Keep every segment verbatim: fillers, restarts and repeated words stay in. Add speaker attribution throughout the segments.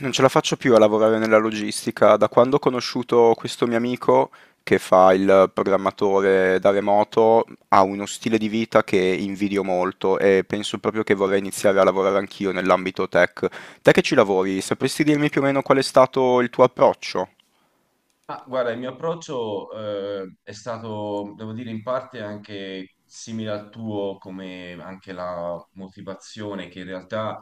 Speaker 1: Non ce la faccio più a lavorare nella logistica. Da quando ho conosciuto questo mio amico che fa il programmatore da remoto, ha uno stile di vita che invidio molto e penso proprio che vorrei iniziare a lavorare anch'io nell'ambito tech. Te che ci lavori, sapresti dirmi più o meno qual è stato il tuo approccio?
Speaker 2: Ma guarda, il mio approccio eh, è stato, devo dire, in parte anche simile al tuo, come anche la motivazione che in realtà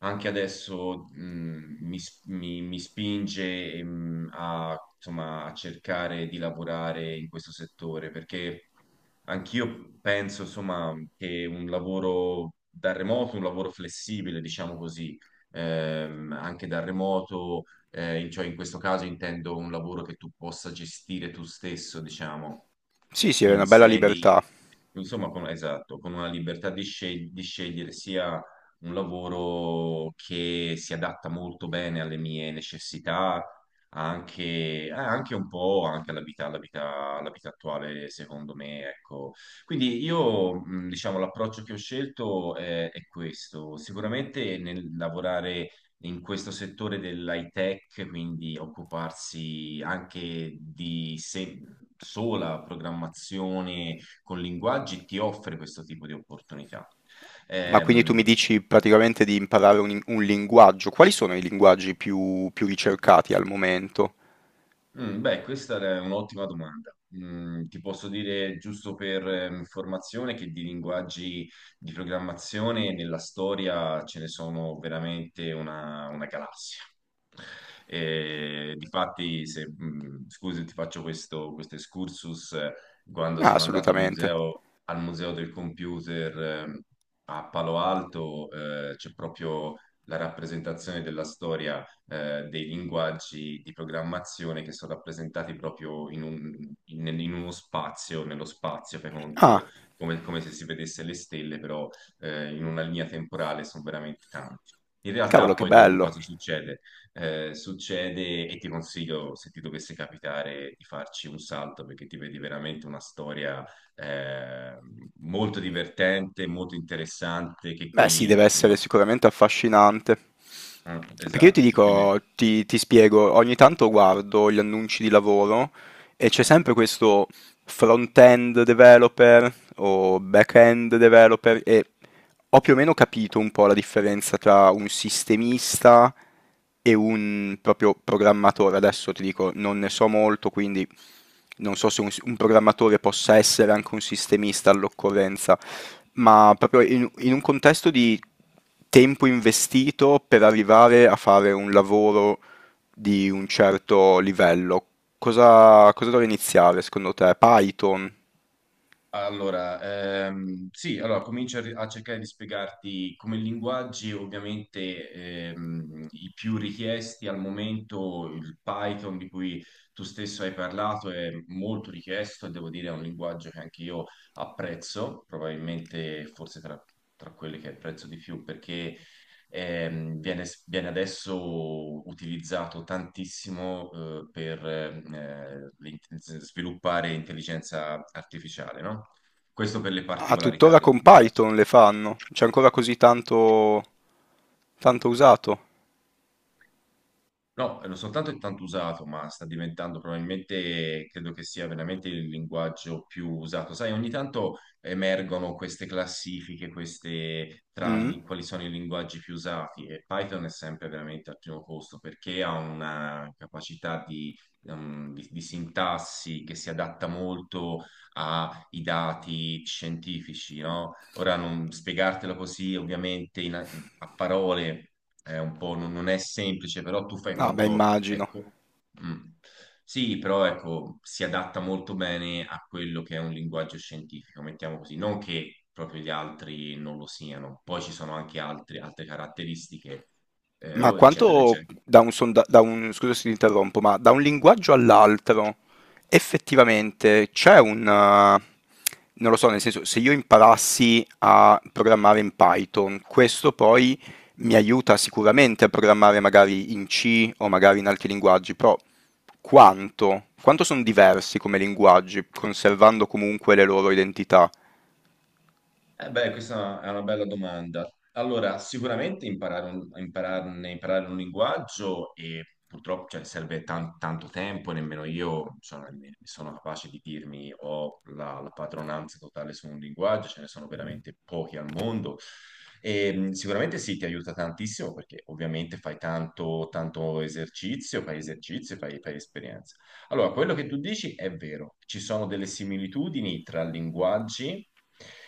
Speaker 2: anche adesso mh, mi, s- mi- mi spinge mh, a, insomma, a cercare di lavorare in questo settore, perché anch'io penso, insomma, che un lavoro da remoto, un lavoro flessibile, diciamo così, ehm, anche da remoto eh, in- cioè in questo caso intendo un lavoro che tu possa gestire tu stesso, diciamo,
Speaker 1: Sì, sì, è
Speaker 2: in
Speaker 1: una bella
Speaker 2: sedi,
Speaker 1: libertà.
Speaker 2: insomma, con, esatto, con una libertà di, sceg- di scegliere sia un lavoro che si adatta molto bene alle mie necessità, anche, eh, anche un po' anche alla vita, alla vita, alla vita attuale, secondo me, ecco. Quindi io, mh, diciamo, l'approccio che ho scelto è, è questo. Sicuramente nel lavorare in questo settore dell'high tech, quindi occuparsi anche di se- sola programmazione con linguaggi, ti offre questo tipo di opportunità.
Speaker 1: Ma quindi tu mi
Speaker 2: Ehm,
Speaker 1: dici praticamente di imparare un, un linguaggio. Quali sono i linguaggi più più ricercati al momento?
Speaker 2: Mm, Beh, questa è un'ottima domanda. Mm, ti posso dire, giusto per eh, informazione, che di linguaggi di programmazione nella storia ce ne sono veramente una, una galassia. E, difatti, se, mm, scusi, ti faccio questo, questo excursus. eh, Quando
Speaker 1: Ah,
Speaker 2: sono andato al
Speaker 1: assolutamente.
Speaker 2: museo, al museo del computer eh, a Palo Alto, eh, c'è proprio la rappresentazione della storia eh, dei linguaggi di programmazione che sono rappresentati proprio in, un- in- in uno spazio, nello spazio, fai conto,
Speaker 1: Ah,
Speaker 2: come, come se si vedesse le stelle, però eh, in una linea temporale sono veramente tanti. In
Speaker 1: cavolo,
Speaker 2: realtà
Speaker 1: che
Speaker 2: poi dopo
Speaker 1: bello.
Speaker 2: cosa succede? Eh, succede, e ti consiglio, se ti dovesse capitare, di farci un salto perché ti vedi veramente una storia eh, molto divertente, molto interessante, che
Speaker 1: Beh sì, deve
Speaker 2: qui... il
Speaker 1: essere
Speaker 2: nostro-
Speaker 1: sicuramente affascinante.
Speaker 2: eh,
Speaker 1: Perché io ti
Speaker 2: esatto, che qui ne-
Speaker 1: dico, ti, ti spiego, ogni tanto guardo gli annunci di lavoro e c'è sempre questo front-end developer o back-end developer e ho più o meno capito un po' la differenza tra un sistemista e un proprio programmatore. Adesso ti dico, non ne so molto, quindi non so se un, un programmatore possa essere anche un sistemista all'occorrenza, ma proprio in, in un contesto di tempo investito per arrivare a fare un lavoro di un certo livello, cosa, cosa dovrei iniziare secondo te? Python?
Speaker 2: Allora, ehm, sì, allora comincio a, ri- a cercare di spiegarti come linguaggi, ovviamente ehm, i più richiesti al momento, il Python di cui tu stesso hai parlato è molto richiesto e devo dire è un linguaggio che anche io apprezzo, probabilmente forse tra, tra quelli che apprezzo di più, perché ehm, viene, viene adesso utilizzato tantissimo eh, per eh, l'int- sviluppare intelligenza artificiale, no? Questo per le
Speaker 1: Ah,
Speaker 2: particolarità
Speaker 1: tuttora
Speaker 2: del
Speaker 1: con
Speaker 2: linguaggio.
Speaker 1: Python le fanno? C'è ancora così tanto, tanto usato?
Speaker 2: No, non soltanto è tanto usato, ma sta diventando probabilmente, credo che sia veramente il linguaggio più usato. Sai, ogni tanto emergono queste classifiche, queste tra
Speaker 1: Mm?
Speaker 2: li- quali sono i linguaggi più usati e Python è sempre veramente al primo posto perché ha una capacità di, um, di- di sintassi che si adatta molto a i dati scientifici, no? Ora non spiegartelo così, ovviamente in- a parole è un po' non, non è semplice, però tu fai
Speaker 1: No, beh,
Speaker 2: conto,
Speaker 1: immagino.
Speaker 2: ecco, mm, sì, però ecco, si adatta molto bene a quello che è un linguaggio scientifico, mettiamo così, non che proprio gli altri non lo siano, poi ci sono anche altri- altre caratteristiche, eh,
Speaker 1: Ma
Speaker 2: o eccetera,
Speaker 1: quanto
Speaker 2: eccetera.
Speaker 1: da un, sonda- da un- Scusa se ti interrompo, ma da un linguaggio all'altro effettivamente c'è un... eh, non lo so, nel senso, se io imparassi a programmare in Python, questo poi mi aiuta sicuramente a programmare magari in C o magari in altri linguaggi, però quanto? Quanto sono diversi come linguaggi, conservando comunque le loro identità?
Speaker 2: Eh beh, questa è una è una bella domanda. Allora, sicuramente imparare un, impararne- imparare un linguaggio e purtroppo cioè, serve tan- tanto tempo, e nemmeno io insomma, ne- sono capace di dirmi ho la, la padronanza totale su un linguaggio, ce ne sono veramente pochi al mondo. E, mh, sicuramente sì, ti aiuta tantissimo perché ovviamente fai tanto, tanto esercizio, fai esercizio, fai, fai esperienza. Allora, quello che tu dici è vero, ci sono delle similitudini tra linguaggi,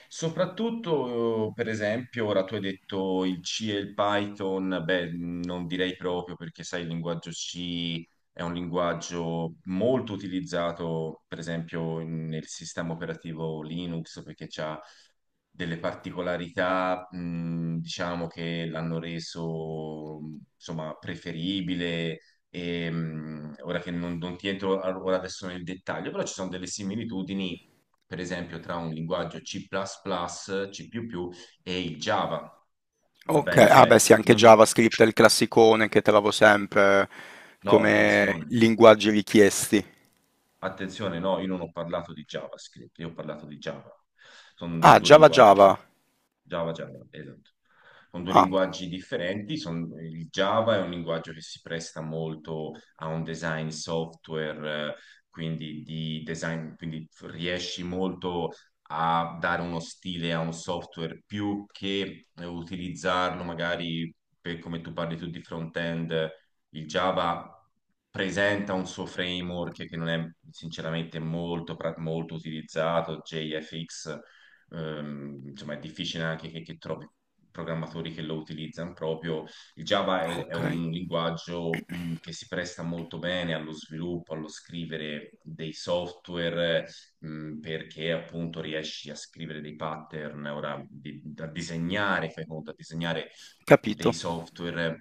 Speaker 2: soprattutto eh, per esempio, ora tu hai detto il C e il Python, beh, non direi proprio perché sai, il linguaggio C è un linguaggio molto utilizzato, per esempio, in- nel sistema operativo Linux perché c'ha delle particolarità, mh, diciamo, che l'hanno reso, mh, insomma, preferibile e, mh, ora che non, non ti entro a- ora adesso nel dettaglio, però ci sono delle similitudini, per esempio, tra un linguaggio C++, C++ e il Java. Va
Speaker 1: Ok,
Speaker 2: bene,
Speaker 1: ah
Speaker 2: cioè,
Speaker 1: beh sì, anche
Speaker 2: non-
Speaker 1: JavaScript è il classicone che trovo sempre
Speaker 2: No,
Speaker 1: come
Speaker 2: attenzione,
Speaker 1: linguaggi richiesti.
Speaker 2: attenzione, no, io non ho parlato di JavaScript, io ho parlato di Java. Sono
Speaker 1: Ah,
Speaker 2: due
Speaker 1: Java
Speaker 2: linguaggi,
Speaker 1: Java.
Speaker 2: Java, Java, esatto. Con due
Speaker 1: Ah,
Speaker 2: linguaggi differenti. Son- il Java è un linguaggio che si presta molto a un design software, eh, quindi di design, quindi riesci molto a dare uno stile a un software più che eh, utilizzarlo magari per come tu parli tu di front-end. Il Java presenta un suo framework che non è sinceramente molto, pra- molto utilizzato, J F X, ehm, insomma è difficile anche che, che trovi programmatori che lo utilizzano proprio. Il Java è, è
Speaker 1: ok,
Speaker 2: un linguaggio mh, che si presta molto bene allo sviluppo, allo scrivere dei software, mh, perché appunto riesci a scrivere dei pattern, ora di- a disegnare, fai conto, a disegnare dei
Speaker 1: capito.
Speaker 2: software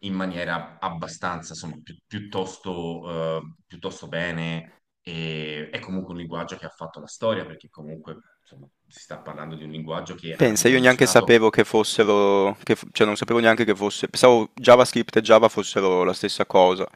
Speaker 2: in maniera abbastanza, insomma, pi- piuttosto, eh, piuttosto bene e è comunque un linguaggio che ha fatto la storia, perché comunque insomma, si sta parlando di un linguaggio che ha
Speaker 1: Pensa, io neanche
Speaker 2: rivoluzionato.
Speaker 1: sapevo che fossero, che f- cioè non sapevo neanche che fosse, pensavo JavaScript e Java fossero la stessa cosa.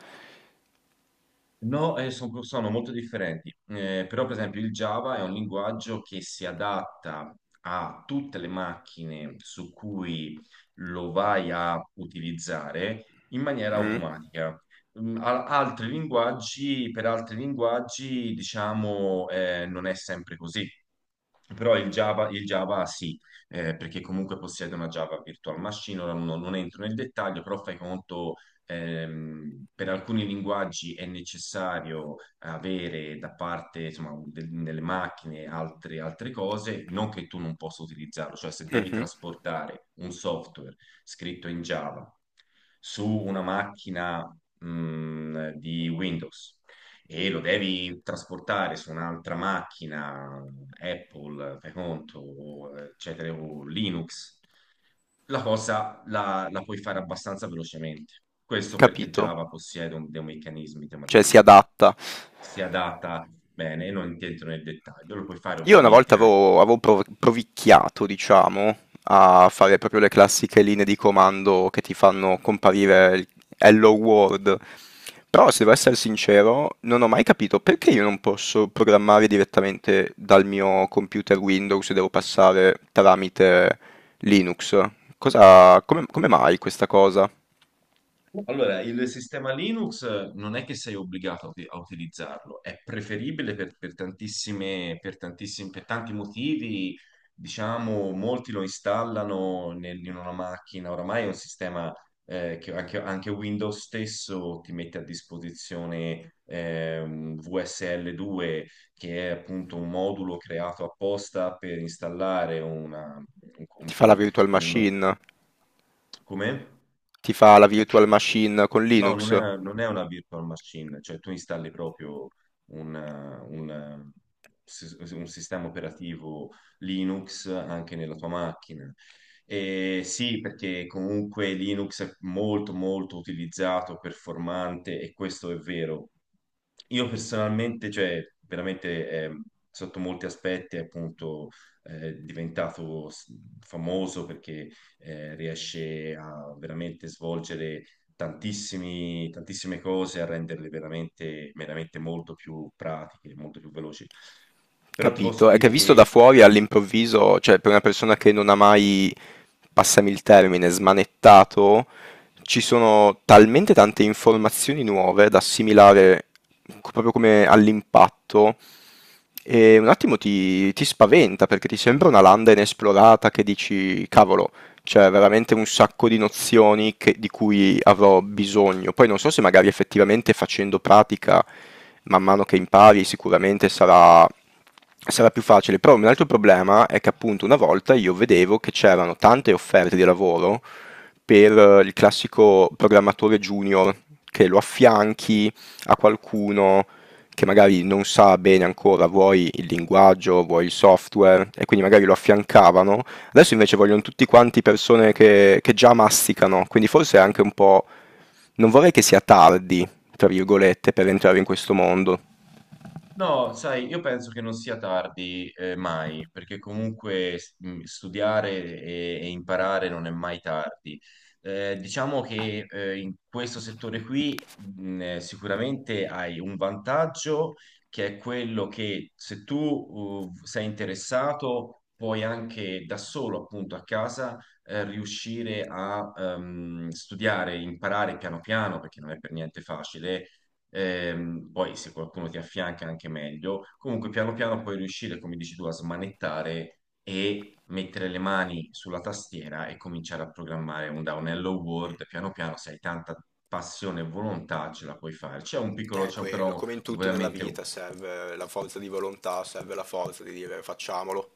Speaker 2: No, eh, son- sono molto differenti. Eh, però per esempio il Java è un linguaggio che si adatta a tutte le macchine su cui lo vai a utilizzare in maniera
Speaker 1: Mm,
Speaker 2: automatica. Mm, a- Altri linguaggi, per altri linguaggi, diciamo, eh, non è sempre così. Però il Java, il Java sì, eh, perché comunque possiede una Java Virtual Machine, ora non, non entro nel dettaglio, però fai conto. Ehm, per alcuni linguaggi è necessario avere da parte, insomma, de- delle macchine altre, altre cose, non che tu non possa utilizzarlo, cioè se devi
Speaker 1: mhm,
Speaker 2: trasportare un software scritto in Java su una macchina, mh, di Windows e lo devi trasportare su un'altra macchina, Apple, fai conto, o, eccetera, o Linux la cosa la, la puoi fare abbastanza velocemente. Questo perché
Speaker 1: capito,
Speaker 2: Java possiede un- dei meccanismi, tema
Speaker 1: cioè si
Speaker 2: dei-
Speaker 1: adatta.
Speaker 2: si adatta bene, e non entro nel dettaglio, lo puoi fare
Speaker 1: Io una
Speaker 2: ovviamente
Speaker 1: volta
Speaker 2: anche.
Speaker 1: avevo, avevo prov- provicchiato, diciamo, a fare proprio le classiche linee di comando che ti fanno comparire il Hello World. Però, se devo essere sincero, non ho mai capito perché io non posso programmare direttamente dal mio computer Windows e devo passare tramite Linux. Cosa, come, come mai questa cosa?
Speaker 2: Allora, il sistema Linux non è che sei obbligato a uti- a utilizzarlo, è preferibile per, per tantissime, per tantissimi, per tanti motivi. Diciamo, molti lo installano nel- in una macchina. Oramai è un sistema eh, che anche, anche Windows stesso ti mette a disposizione ehm, V S L due, che è appunto un modulo creato apposta per installare una, un,
Speaker 1: Ti fa la
Speaker 2: un,
Speaker 1: virtual
Speaker 2: un,
Speaker 1: machine?
Speaker 2: come?
Speaker 1: Ti fa la virtual machine con
Speaker 2: No, non
Speaker 1: Linux?
Speaker 2: è, non è una virtual machine, cioè tu installi proprio un, un- un sistema operativo Linux anche nella tua macchina. E sì, perché comunque Linux è molto molto utilizzato, performante e questo è vero. Io personalmente, cioè veramente eh, sotto molti aspetti è appunto eh, diventato s- famoso perché eh, riesce a veramente svolgere tantissimi- tantissime cose a renderle veramente, veramente molto più pratiche, molto più veloci. Però ti posso
Speaker 1: Capito, è che
Speaker 2: dire
Speaker 1: visto da
Speaker 2: che
Speaker 1: fuori all'improvviso, cioè per una persona che non ha mai, passami il termine, smanettato, ci sono talmente tante informazioni nuove da assimilare co- proprio come all'impatto e un attimo ti, ti spaventa perché ti sembra una landa inesplorata che dici, cavolo, c'è veramente un sacco di nozioni che- di cui avrò bisogno. Poi non so se magari effettivamente facendo pratica, man mano che impari, sicuramente sarà, sarà più facile. Però un altro problema è che appunto una volta io vedevo che c'erano tante offerte di lavoro per eh, il classico programmatore junior, che lo affianchi a qualcuno che magari non sa bene ancora, vuoi il linguaggio, vuoi il software, e quindi magari lo affiancavano. Adesso invece vogliono tutti quanti persone che, che già masticano, quindi forse è anche un po'... Non vorrei che sia tardi, tra virgolette, per entrare in questo mondo.
Speaker 2: no, sai, io penso che non sia tardi eh, mai, perché comunque s- mh, studiare e, e imparare non è mai tardi. Eh, diciamo che eh, in questo settore qui mh, eh, sicuramente hai un vantaggio che è quello che se tu uh, sei interessato puoi anche da solo, appunto, a casa eh, riuscire a ehm, studiare, imparare piano piano, perché non è per niente facile. Ehm, poi se qualcuno ti affianca anche meglio. Comunque piano piano puoi riuscire, come dici tu, a smanettare e mettere le mani sulla tastiera e cominciare a programmare un downello Word. Piano piano, se hai tanta passione e volontà, ce la puoi fare. C'è un piccolo,
Speaker 1: È
Speaker 2: c'è
Speaker 1: quello,
Speaker 2: però
Speaker 1: come in tutto nella
Speaker 2: veramente
Speaker 1: vita serve la forza di volontà, serve la forza di dire facciamolo.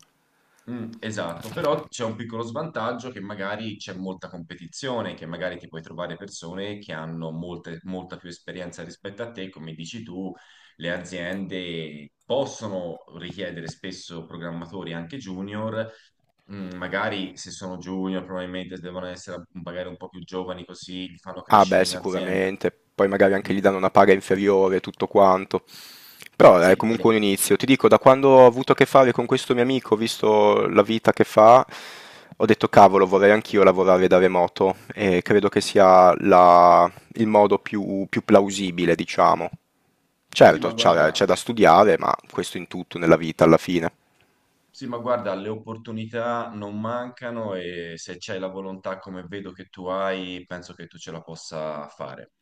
Speaker 2: Mm, esatto, però c'è un piccolo svantaggio che magari c'è molta competizione, che magari ti puoi trovare persone che hanno molte- molta più esperienza rispetto a te, come dici tu, le aziende possono richiedere spesso programmatori anche junior, mm, magari se sono junior probabilmente devono essere magari un po' più giovani così li fanno
Speaker 1: Ah
Speaker 2: crescere
Speaker 1: beh,
Speaker 2: in azienda.
Speaker 1: sicuramente, poi magari anche
Speaker 2: Mm,
Speaker 1: gli danno una paga inferiore, tutto quanto. Però eh, è
Speaker 2: sì, però.
Speaker 1: comunque un inizio. Ti dico, da quando ho avuto a che fare con questo mio amico, ho visto la vita che fa, ho detto cavolo, vorrei anch'io lavorare da remoto e credo che sia la- il modo più, più plausibile, diciamo.
Speaker 2: Sì, ma
Speaker 1: Certo, c'è
Speaker 2: guarda.
Speaker 1: c'è da studiare, ma questo in tutto nella vita alla fine.
Speaker 2: Sì, ma guarda, le opportunità non mancano e se c'hai la volontà come vedo che tu hai, penso che tu ce la possa fare.